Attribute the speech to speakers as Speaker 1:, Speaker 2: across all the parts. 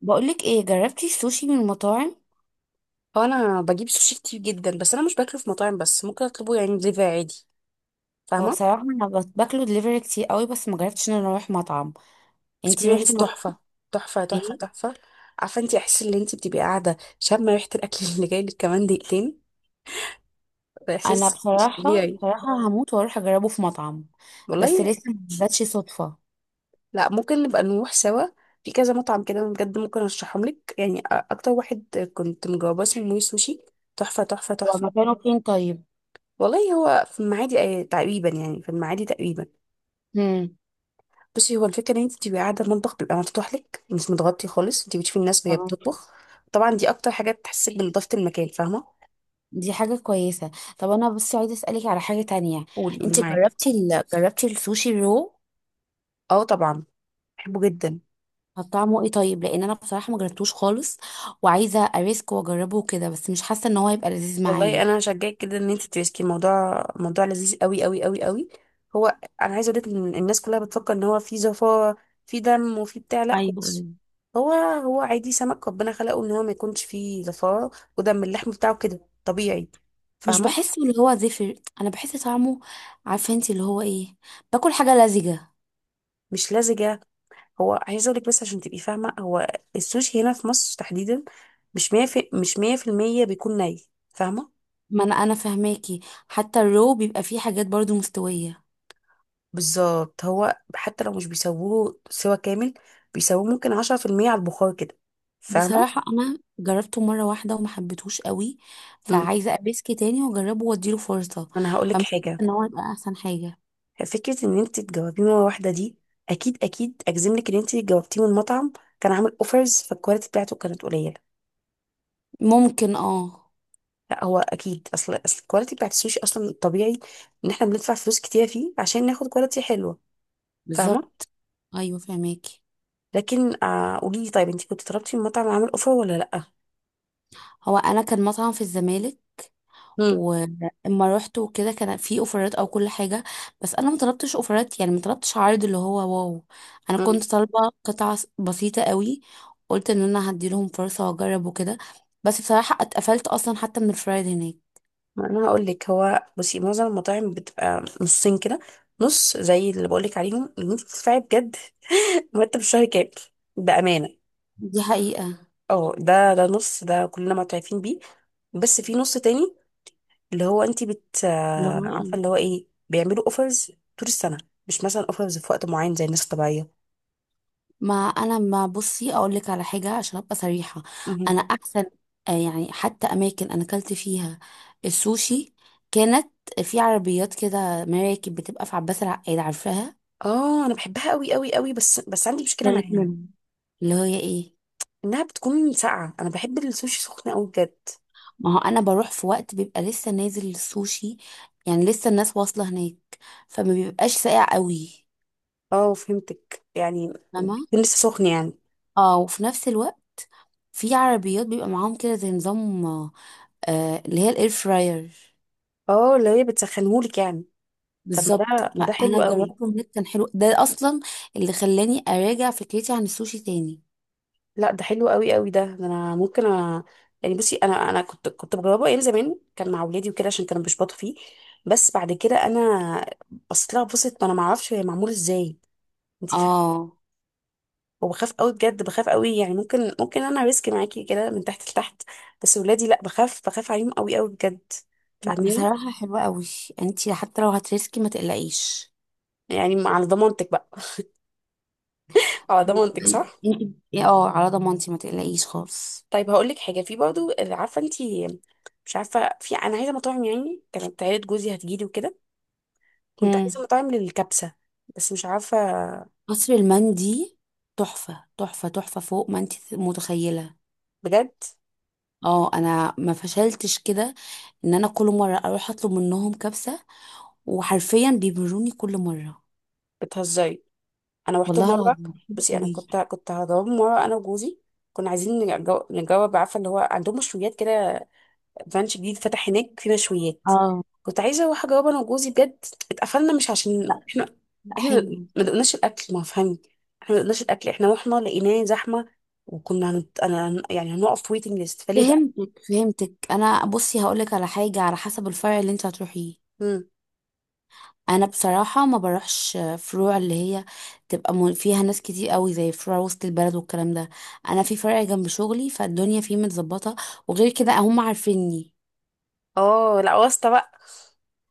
Speaker 1: بقولك ايه، جربتي السوشي من المطاعم؟
Speaker 2: هو انا بجيب سوشي كتير جدا، بس انا مش باكله في مطاعم، بس ممكن اطلبه يعني دليفري عادي.
Speaker 1: هو
Speaker 2: فاهمه.
Speaker 1: بصراحة انا باكله دليفري كتير قوي، بس ما جربتش ان انا اروح مطعم. انتي روحتي
Speaker 2: اكسبيرينس تحفه.
Speaker 1: مطعم؟
Speaker 2: تحفه تحفه
Speaker 1: ايه.
Speaker 2: تحفه. عارفه انت، احس ان انت بتبقي قاعده شامه ريحه الاكل اللي جاي لك كمان دقيقتين. ده
Speaker 1: انا
Speaker 2: احساس مش
Speaker 1: بصراحة
Speaker 2: طبيعي.
Speaker 1: بصراحة هموت واروح اجربه في مطعم. بس
Speaker 2: والله.
Speaker 1: لسه ما جاتش صدفة.
Speaker 2: لا ممكن نبقى نروح سوا. في كذا مطعم كده أنا بجد ممكن ارشحهم لك، يعني اكتر واحد كنت مجرباه اسمه موي سوشي. تحفه تحفه
Speaker 1: هو
Speaker 2: تحفه.
Speaker 1: مكانه فين طيب؟
Speaker 2: والله هو في المعادي تقريبا، يعني في المعادي تقريبا.
Speaker 1: امم.
Speaker 2: بصي، هو الفكره ان انت بتبقي قاعده، المطبخ بيبقى مفتوح لك، مش متغطي خالص، انت بتشوفي الناس وهي
Speaker 1: تمام.
Speaker 2: بتطبخ. طبعا دي اكتر حاجه بتحسسك بنضافه المكان. فاهمه.
Speaker 1: دي حاجة كويسة. طب انا بس عايزة اسألك على حاجة تانية.
Speaker 2: قولي قولي
Speaker 1: انتي
Speaker 2: معاكي.
Speaker 1: جربتي السوشي الرو؟
Speaker 2: اه طبعا، بحبه جدا.
Speaker 1: طب طعمه ايه طيب؟ لان انا بصراحة ما جربتوش خالص، وعايزة اريسك واجربه كده، بس مش حاسة ان هو هيبقى لذيذ
Speaker 2: والله
Speaker 1: معايا.
Speaker 2: انا هشجعك كده ان انت تريسكي، الموضوع موضوع لذيذ قوي قوي قوي قوي. هو، انا عايزه اقول لك ان الناس كلها بتفكر ان هو في زفاره، في دم وفي بتاع، لا
Speaker 1: ايوه.
Speaker 2: خالص. هو عادي، سمك ربنا خلقه ان هو ما يكونش فيه زفاره ودم، اللحم بتاعه كده طبيعي.
Speaker 1: مش
Speaker 2: فاهمه.
Speaker 1: بحس اللي هو زفر. انا بحس طعمه. عارفه انت اللي هو ايه؟ باكل حاجه لزجه.
Speaker 2: مش لزجه. هو عايزه اقول لك بس عشان تبقي فاهمه، هو السوشي هنا في مصر تحديدا مش 100 في مش 100% بيكون ني. فاهمه.
Speaker 1: ما انا فهماكي. حتى الرو بيبقى فيه حاجات برضو مستويه.
Speaker 2: بالظبط. هو حتى لو مش بيسووه سوا كامل، بيسووه ممكن 10% على البخار كده. فاهمه.
Speaker 1: بصراحه انا جربته مره واحده وما حبيتهوش قوي،
Speaker 2: امم.
Speaker 1: فعايزه ابيسكي تاني واجربه واديله فرصه.
Speaker 2: انا هقول لك
Speaker 1: فمش حاسه
Speaker 2: حاجه.
Speaker 1: ان هو يبقى احسن حاجه.
Speaker 2: فكره ان انت تجاوبيه مره واحده دي، اكيد اكيد اجزم لك ان انت جاوبتيه من مطعم كان عامل اوفرز، فالكواليتي بتاعته كانت قليله.
Speaker 1: ممكن اه.
Speaker 2: لا، هو اكيد اصل الكواليتي بتاعت السوشي اصلا طبيعي، ان احنا بندفع فلوس كتير فيه عشان ناخد كواليتي حلوه. فاهمه.
Speaker 1: بالظبط. ايوه فهماكي.
Speaker 2: لكن قولي لي، طيب انت كنت طلبتي من مطعم عامل اوفر ولا لا؟
Speaker 1: هو انا كان مطعم في الزمالك.
Speaker 2: امم.
Speaker 1: واما رحت وكده كان في اوفرات او كل حاجه، بس انا ما طلبتش اوفرات، يعني ما طلبتش عرض اللي هو واو. انا كنت طالبه قطعه بسيطه قوي. قلت ان انا هدي لهم فرصه واجرب وكده. بس بصراحه اتقفلت اصلا حتى من الفرايد هناك.
Speaker 2: انا هقول لك، هو بصي، معظم المطاعم بتبقى نصين كده. نص زي اللي بقول لك عليهم اللي انت بتدفعي بجد، مرتب الشهر كام، بامانه.
Speaker 1: دي حقيقه.
Speaker 2: اه، ده نص، ده كلنا معترفين بيه. بس في نص تاني، اللي هو انت بت
Speaker 1: اللي
Speaker 2: آه،
Speaker 1: هو
Speaker 2: عارفه
Speaker 1: ايه؟
Speaker 2: اللي هو ايه، بيعملوا اوفرز طول السنه، مش مثلا اوفرز في وقت معين زي الناس الطبيعيه.
Speaker 1: ما انا ما بصي اقول لك على حاجه عشان ابقى صريحه.
Speaker 2: مهم.
Speaker 1: انا احسن. يعني حتى اماكن انا اكلت فيها السوشي كانت في عربيات كده، مراكب بتبقى في عباس العقاد، عارفاها؟
Speaker 2: اه انا بحبها قوي قوي قوي، بس عندي مشكله
Speaker 1: كانت
Speaker 2: معاها،
Speaker 1: منهم. اللي هي ايه؟
Speaker 2: انها بتكون ساقعه، انا بحب السوشي سخن قوي بجد.
Speaker 1: ما هو انا بروح في وقت بيبقى لسه نازل السوشي، يعني لسه الناس واصله هناك، فما بيبقاش ساقع قوي.
Speaker 2: اه فهمتك، يعني
Speaker 1: فاهمه؟
Speaker 2: يكون لسه سخن يعني.
Speaker 1: اه، وفي نفس الوقت في عربيات بيبقى معاهم كده زي نظام، اللي هي الاير فراير.
Speaker 2: اه اللي هي بتسخنهولك يعني. طب ما
Speaker 1: بالظبط.
Speaker 2: ده ما ده
Speaker 1: انا
Speaker 2: حلو قوي.
Speaker 1: جربته هناك، كان حلو، ده اصلا اللي خلاني اراجع فكرتي عن السوشي تاني.
Speaker 2: لا ده حلو قوي قوي، ده انا ممكن يعني بصي، انا كنت بجربه ايام زمان كان مع اولادي وكده عشان كانوا بيشبطوا فيه، بس بعد كده انا بصيت لها بصت، ما انا ما اعرفش هي معمول ازاي، انت فاهمه.
Speaker 1: اه.
Speaker 2: وبخاف قوي بجد، بخاف قوي، يعني ممكن انا ريسك معاكي كده من تحت لتحت، بس اولادي لا، بخاف عليهم قوي قوي بجد.
Speaker 1: لا،
Speaker 2: فاهميني.
Speaker 1: بصراحه حلوه قوي. انت حتى لو هترسكي ما تقلقيش.
Speaker 2: يعني على ضمانتك بقى، على ضمانتك صح.
Speaker 1: انت اه، على ضمانتي ما تقلقيش خالص.
Speaker 2: طيب هقول لك حاجه في برضو، عارفه انت، مش عارفه في، انا عايزه مطاعم، يعني كانت عيله جوزي هتجيلي وكده، كنت عايزه
Speaker 1: مم.
Speaker 2: مطاعم للكبسه، بس مش عارفه.
Speaker 1: قصر المندي. تحفة تحفة تحفة فوق ما انت متخيلة.
Speaker 2: بجد.
Speaker 1: اه انا ما فشلتش كده، ان انا كل مرة اروح اطلب منهم كبسة، وحرفيا بيبروني كل مرة.
Speaker 2: بتهزري. انا رحت
Speaker 1: والله
Speaker 2: مره.
Speaker 1: العظيم حلو
Speaker 2: بصي،
Speaker 1: قوي.
Speaker 2: كنت هضرب مره انا وجوزي، كنا عايزين نجرب، عارفه اللي هو عندهم مشويات كده، رانش جديد فتح هناك فيه مشويات،
Speaker 1: اه.
Speaker 2: كنت عايزه اروح اجربه انا وجوزي بجد. اتقفلنا مش عشان
Speaker 1: لا
Speaker 2: احنا،
Speaker 1: لا
Speaker 2: احنا ما
Speaker 1: حلو.
Speaker 2: ما دقناش الاكل، ما فهمي. احنا ما دقناش الاكل، احنا رحنا لقيناه زحمه، وكنا يعني هنقف ويتنج ليست فليه بقى.
Speaker 1: فهمتك فهمتك، انا بصي هقولك على حاجة على حسب الفرع اللي انت هتروحيه.
Speaker 2: امم.
Speaker 1: انا بصراحه ما بروحش فروع اللي هي تبقى فيها ناس كتير قوي، زي فروع وسط البلد والكلام ده. انا في فرع جنب شغلي فالدنيا فيه متظبطه، وغير كده هم عارفيني.
Speaker 2: اه لا، واسطه بقى.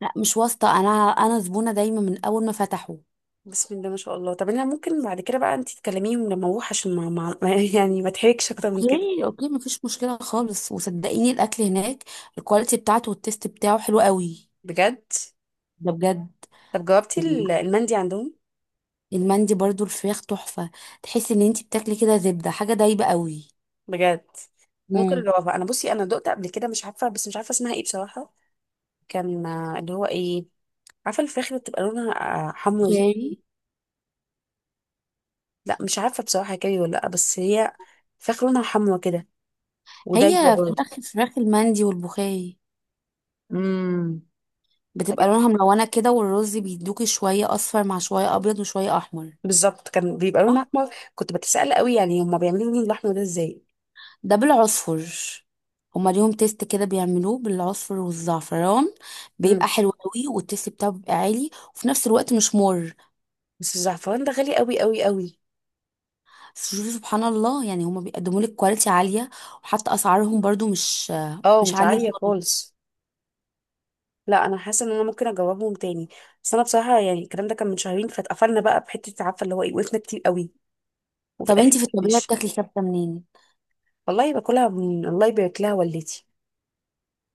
Speaker 1: لا مش واسطه، انا زبونه دايما من اول ما فتحوا.
Speaker 2: بسم الله ما شاء الله. طب انا ممكن بعد كده بقى انت تكلميهم لما اروح عشان يعني ما اتحركش اكتر من كده.
Speaker 1: اوكي اوكي، مفيش مشكله خالص، وصدقيني الاكل هناك الكواليتي بتاعته والتيست بتاعه حلو قوي.
Speaker 2: بجد.
Speaker 1: ده بجد.
Speaker 2: طب جاوبتي
Speaker 1: يعني
Speaker 2: المندي عندهم؟
Speaker 1: المندي برضو الفراخ تحفه. تحسي ان انتي بتاكلي كده زبده، حاجه دايبه قوي.
Speaker 2: بجد. ممكن
Speaker 1: امم.
Speaker 2: اجاوبها انا، بصي انا دقت قبل كده، مش عارفه بس، مش عارفه اسمها ايه بصراحه. كان اللي هو ايه، عارفه الفراخ اللي بتبقى لونها، حمرا دي.
Speaker 1: اوكي.
Speaker 2: لا مش عارفه بصراحه كاري ولا لا، بس هي فراخ لونها حمرا كده، ودايبه
Speaker 1: هي
Speaker 2: برضه.
Speaker 1: فراخ المندي والبخاري
Speaker 2: امم.
Speaker 1: بتبقى
Speaker 2: طيب.
Speaker 1: لونها ملونة كده، والرز بيدوكي شوية أصفر مع شوية أبيض وشوية أحمر.
Speaker 2: بالظبط كان بيبقى لون
Speaker 1: صح.
Speaker 2: احمر. كنت بتسأل قوي يعني هما بيعملوا لون الاحمر ده ازاي.
Speaker 1: ده بالعصفر. هما ليهم تيست كده بيعملوه بالعصفر والزعفران، بيبقى
Speaker 2: امم.
Speaker 1: حلو قوي، والتيست بتاعه بيبقى عالي وفي نفس الوقت مش مر.
Speaker 2: بس الزعفران ده غالي قوي قوي قوي.
Speaker 1: شوفي سبحان الله، يعني هما بيقدموا لك كواليتي عالية، وحتى أسعارهم برضو مش
Speaker 2: اه
Speaker 1: مش
Speaker 2: مش
Speaker 1: عالية
Speaker 2: عالية
Speaker 1: خالص.
Speaker 2: خالص. لا انا حاسه ان انا ممكن اجربهم تاني، بس انا بصراحه يعني الكلام ده كان من شهرين، فاتقفلنا بقى بحته، عارفه اللي هو ايه وقفنا كتير قوي، وفي
Speaker 1: طب
Speaker 2: الاخر،
Speaker 1: انتي في الطبيعة
Speaker 2: مش.
Speaker 1: بتاكلي كبسة منين؟
Speaker 2: والله باكلها من الله يبارك لها والدتي.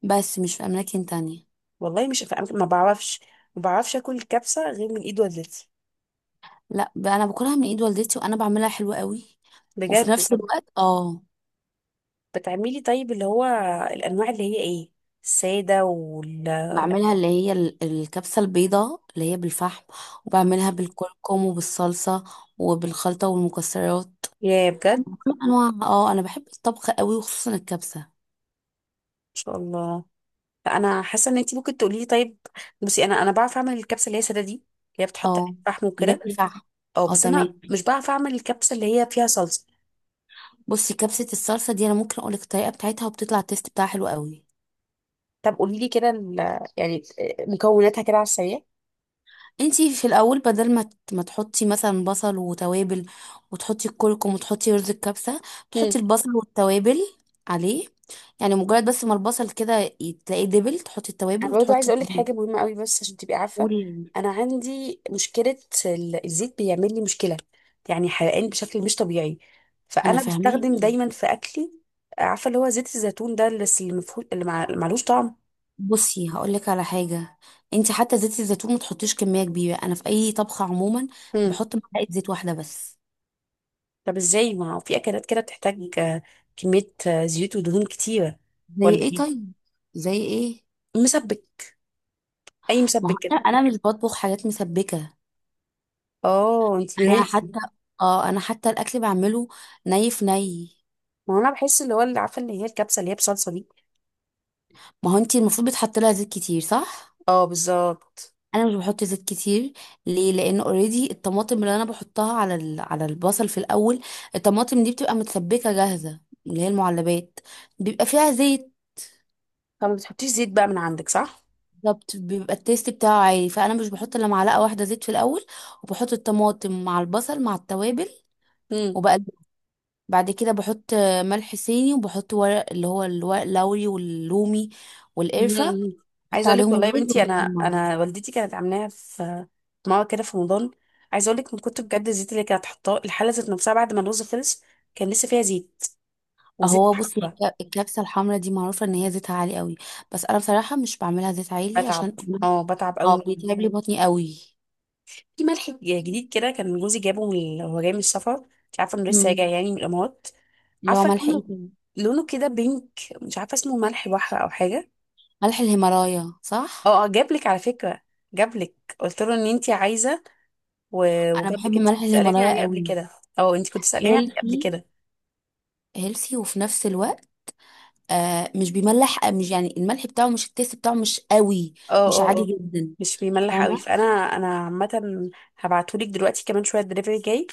Speaker 1: بس مش في أماكن تانية؟
Speaker 2: والله مش ما بعرفش، ما بعرفش اكل الكبسه غير من ايد والدتي.
Speaker 1: لا بقى، انا باكلها من ايد والدتي، وانا بعملها حلوة قوي. وفي
Speaker 2: بجد.
Speaker 1: نفس
Speaker 2: طب
Speaker 1: الوقت
Speaker 2: بتعملي طيب اللي هو الانواع اللي هي ايه؟ الساده وال،
Speaker 1: بعملها اللي هي الكبسة البيضاء اللي هي بالفحم، وبعملها بالكركم وبالصلصة، وبالخلطة والمكسرات.
Speaker 2: يا بجد ما
Speaker 1: انواع. اه انا بحب الطبخ قوي وخصوصا الكبسة.
Speaker 2: شاء الله. انا حاسه ان انت ممكن تقولي لي. طيب، بصي، انا بعرف اعمل الكبسه اللي هي ساده دي، اللي هي بتحط عليها
Speaker 1: اه
Speaker 2: فحم
Speaker 1: اللي هي
Speaker 2: وكده.
Speaker 1: بالفحم.
Speaker 2: اه،
Speaker 1: اه
Speaker 2: بس انا
Speaker 1: تمام.
Speaker 2: مش بعرف اعمل الكبسه اللي هي فيها صلصه.
Speaker 1: بصي كبسة الصلصة دي انا ممكن اقولك الطريقة بتاعتها، وبتطلع التيست بتاعها حلو قوي.
Speaker 2: طب قولي لي كده يعني، مكوناتها كده على السريع.
Speaker 1: انتي في الاول بدل ما ما تحطي مثلا بصل وتوابل وتحطي الكركم وتحطي رز الكبسه، تحطي البصل والتوابل عليه. يعني مجرد بس ما البصل كده تلاقيه دبل، تحطي
Speaker 2: انا
Speaker 1: التوابل
Speaker 2: برضو
Speaker 1: وتحطي
Speaker 2: عايزه اقول لك حاجه
Speaker 1: عليه.
Speaker 2: مهمه قوي بس عشان تبقي عارفه.
Speaker 1: قولي.
Speaker 2: انا عندي مشكله، الزيت بيعمل لي مشكله، يعني حرقان بشكل مش طبيعي،
Speaker 1: انا
Speaker 2: فانا بستخدم
Speaker 1: فاهماكي.
Speaker 2: دايما في اكلي، عارفه اللي هو زيت الزيتون ده، اللي المفهول، اللي اللي معلوش طعم.
Speaker 1: بصي هقولك على حاجه. انتي حتى زيت الزيتون ما تحطيش كميه كبيره، انا في اي طبخه عموما
Speaker 2: مم.
Speaker 1: بحط معلقه زيت واحده بس.
Speaker 2: طب ازاي؟ ما هو في اكلات كده بتحتاج كميه زيوت ودهون كتيره.
Speaker 1: زي
Speaker 2: ولا
Speaker 1: ايه
Speaker 2: ايه؟
Speaker 1: طيب؟ زي ايه؟
Speaker 2: مسبك، اي
Speaker 1: ما
Speaker 2: مسبك
Speaker 1: هو
Speaker 2: كده.
Speaker 1: انا مش بطبخ حاجات مسبكه.
Speaker 2: اه انتي
Speaker 1: انا
Speaker 2: بهيلثي.
Speaker 1: حتى. اه انا حتى الاكل بعمله ني في ني.
Speaker 2: ما هو انا بحس اللي هو اللي، عارفه اللي هي الكبسه اللي هي بصلصه دي.
Speaker 1: ما هو انتي المفروض بتحط لها زيت كتير، صح؟
Speaker 2: اه بالظبط.
Speaker 1: انا مش بحط زيت كتير. ليه، لان اوريدي الطماطم اللي انا بحطها على البصل في الاول. الطماطم دي بتبقى متسبكه جاهزه، اللي هي المعلبات، بيبقى فيها زيت.
Speaker 2: طب ما بتحطيش زيت بقى من عندك صح؟
Speaker 1: بالظبط، بيبقى التيست بتاعه عالي، فانا مش بحط الا معلقه واحده زيت في الاول، وبحط الطماطم مع البصل مع التوابل.
Speaker 2: مم.
Speaker 1: بعد كده بحط ملح صيني، وبحط ورق اللي هو الورق اللوري واللومي
Speaker 2: م-
Speaker 1: والقرفة.
Speaker 2: م.
Speaker 1: بحط
Speaker 2: عايزه اقول لك
Speaker 1: عليهم
Speaker 2: والله يا
Speaker 1: الرز
Speaker 2: بنتي، انا
Speaker 1: ورز المية.
Speaker 2: انا والدتي كانت عاملاها في، في ماما كده في رمضان، عايزه اقول لك من كنت بجد، الزيت اللي كانت حطاه الحله ذات نفسها بعد ما الرز خلص كان لسه فيها زيت، وزيت
Speaker 1: اهو بصي
Speaker 2: حبه.
Speaker 1: الكبسة الحمرا دي معروفة ان هي زيتها عالي قوي، بس انا بصراحة مش بعملها زيت عالي
Speaker 2: بتعب،
Speaker 1: عشان.
Speaker 2: اه بتعب قوي
Speaker 1: اه
Speaker 2: منه.
Speaker 1: بيتعب لي بطني قوي.
Speaker 2: في ملح جديد كده كان جوزي جابه من، هو جاي من السفر، انت عارفه انه لسه راجع
Speaker 1: مم.
Speaker 2: يعني من الامارات.
Speaker 1: اللي هو
Speaker 2: عارفه
Speaker 1: ملح ايه
Speaker 2: لونه،
Speaker 1: تاني؟
Speaker 2: لونه كده بينك، مش عارفه اسمه ملح بحر او حاجه.
Speaker 1: ملح الهيمالايا صح؟
Speaker 2: اه اه، جابلك على فكره، جابلك، قلت له ان انت عايزه،
Speaker 1: انا
Speaker 2: وجاب
Speaker 1: بحب
Speaker 2: لك، انت
Speaker 1: ملح
Speaker 2: كنت سألاني
Speaker 1: الهيمالايا
Speaker 2: عليه قبل
Speaker 1: قوي.
Speaker 2: كده. اه، انت كنت سألاني عليه قبل
Speaker 1: هيلثي.
Speaker 2: كده.
Speaker 1: هيلثي وفي نفس الوقت مش بيملح، مش يعني الملح بتاعه مش، التيست بتاعه مش قوي.
Speaker 2: اه
Speaker 1: مش
Speaker 2: اه.
Speaker 1: عادي
Speaker 2: اه
Speaker 1: جدا.
Speaker 2: مش بيملح قوي،
Speaker 1: فاهمة؟
Speaker 2: فانا انا عامة. هبعتهولك دلوقتي كمان شوية، الدليفري جاي،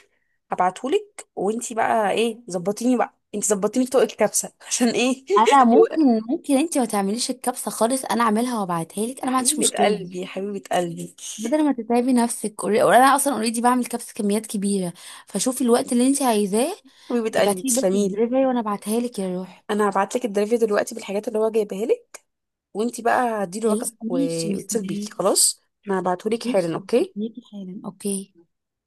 Speaker 2: هبعتهولك وانت بقى ايه، ظبطيني بقى، انت ظبطيني في طوق الكبسة عشان ايه
Speaker 1: انا
Speaker 2: و-
Speaker 1: ممكن انت ما تعمليش الكبسه خالص، انا اعملها وابعتها لك، انا ما عنديش
Speaker 2: حبيبة
Speaker 1: مشكله.
Speaker 2: قلبي حبيبة قلبي.
Speaker 1: بدل ما تتعبي نفسك انا اصلا اوريدي بعمل كبسه كميات كبيره، فشوفي الوقت اللي انت عايزاه.
Speaker 2: حبيبة قلبي
Speaker 1: ابعتي لي بس
Speaker 2: تسلميلي.
Speaker 1: الدليفري وانا ابعتها لك يا روح.
Speaker 2: انا هبعتلك الدليفري دلوقتي بالحاجات اللي هو جايبها لك، وانت بقى هديله
Speaker 1: خلاص
Speaker 2: رقمك
Speaker 1: ماشي
Speaker 2: واتصل بيكي
Speaker 1: مستنيك.
Speaker 2: خلاص. انا هبعتهولك
Speaker 1: ماشي
Speaker 2: حالا اوكي.
Speaker 1: مستنيكي حالا اوكي.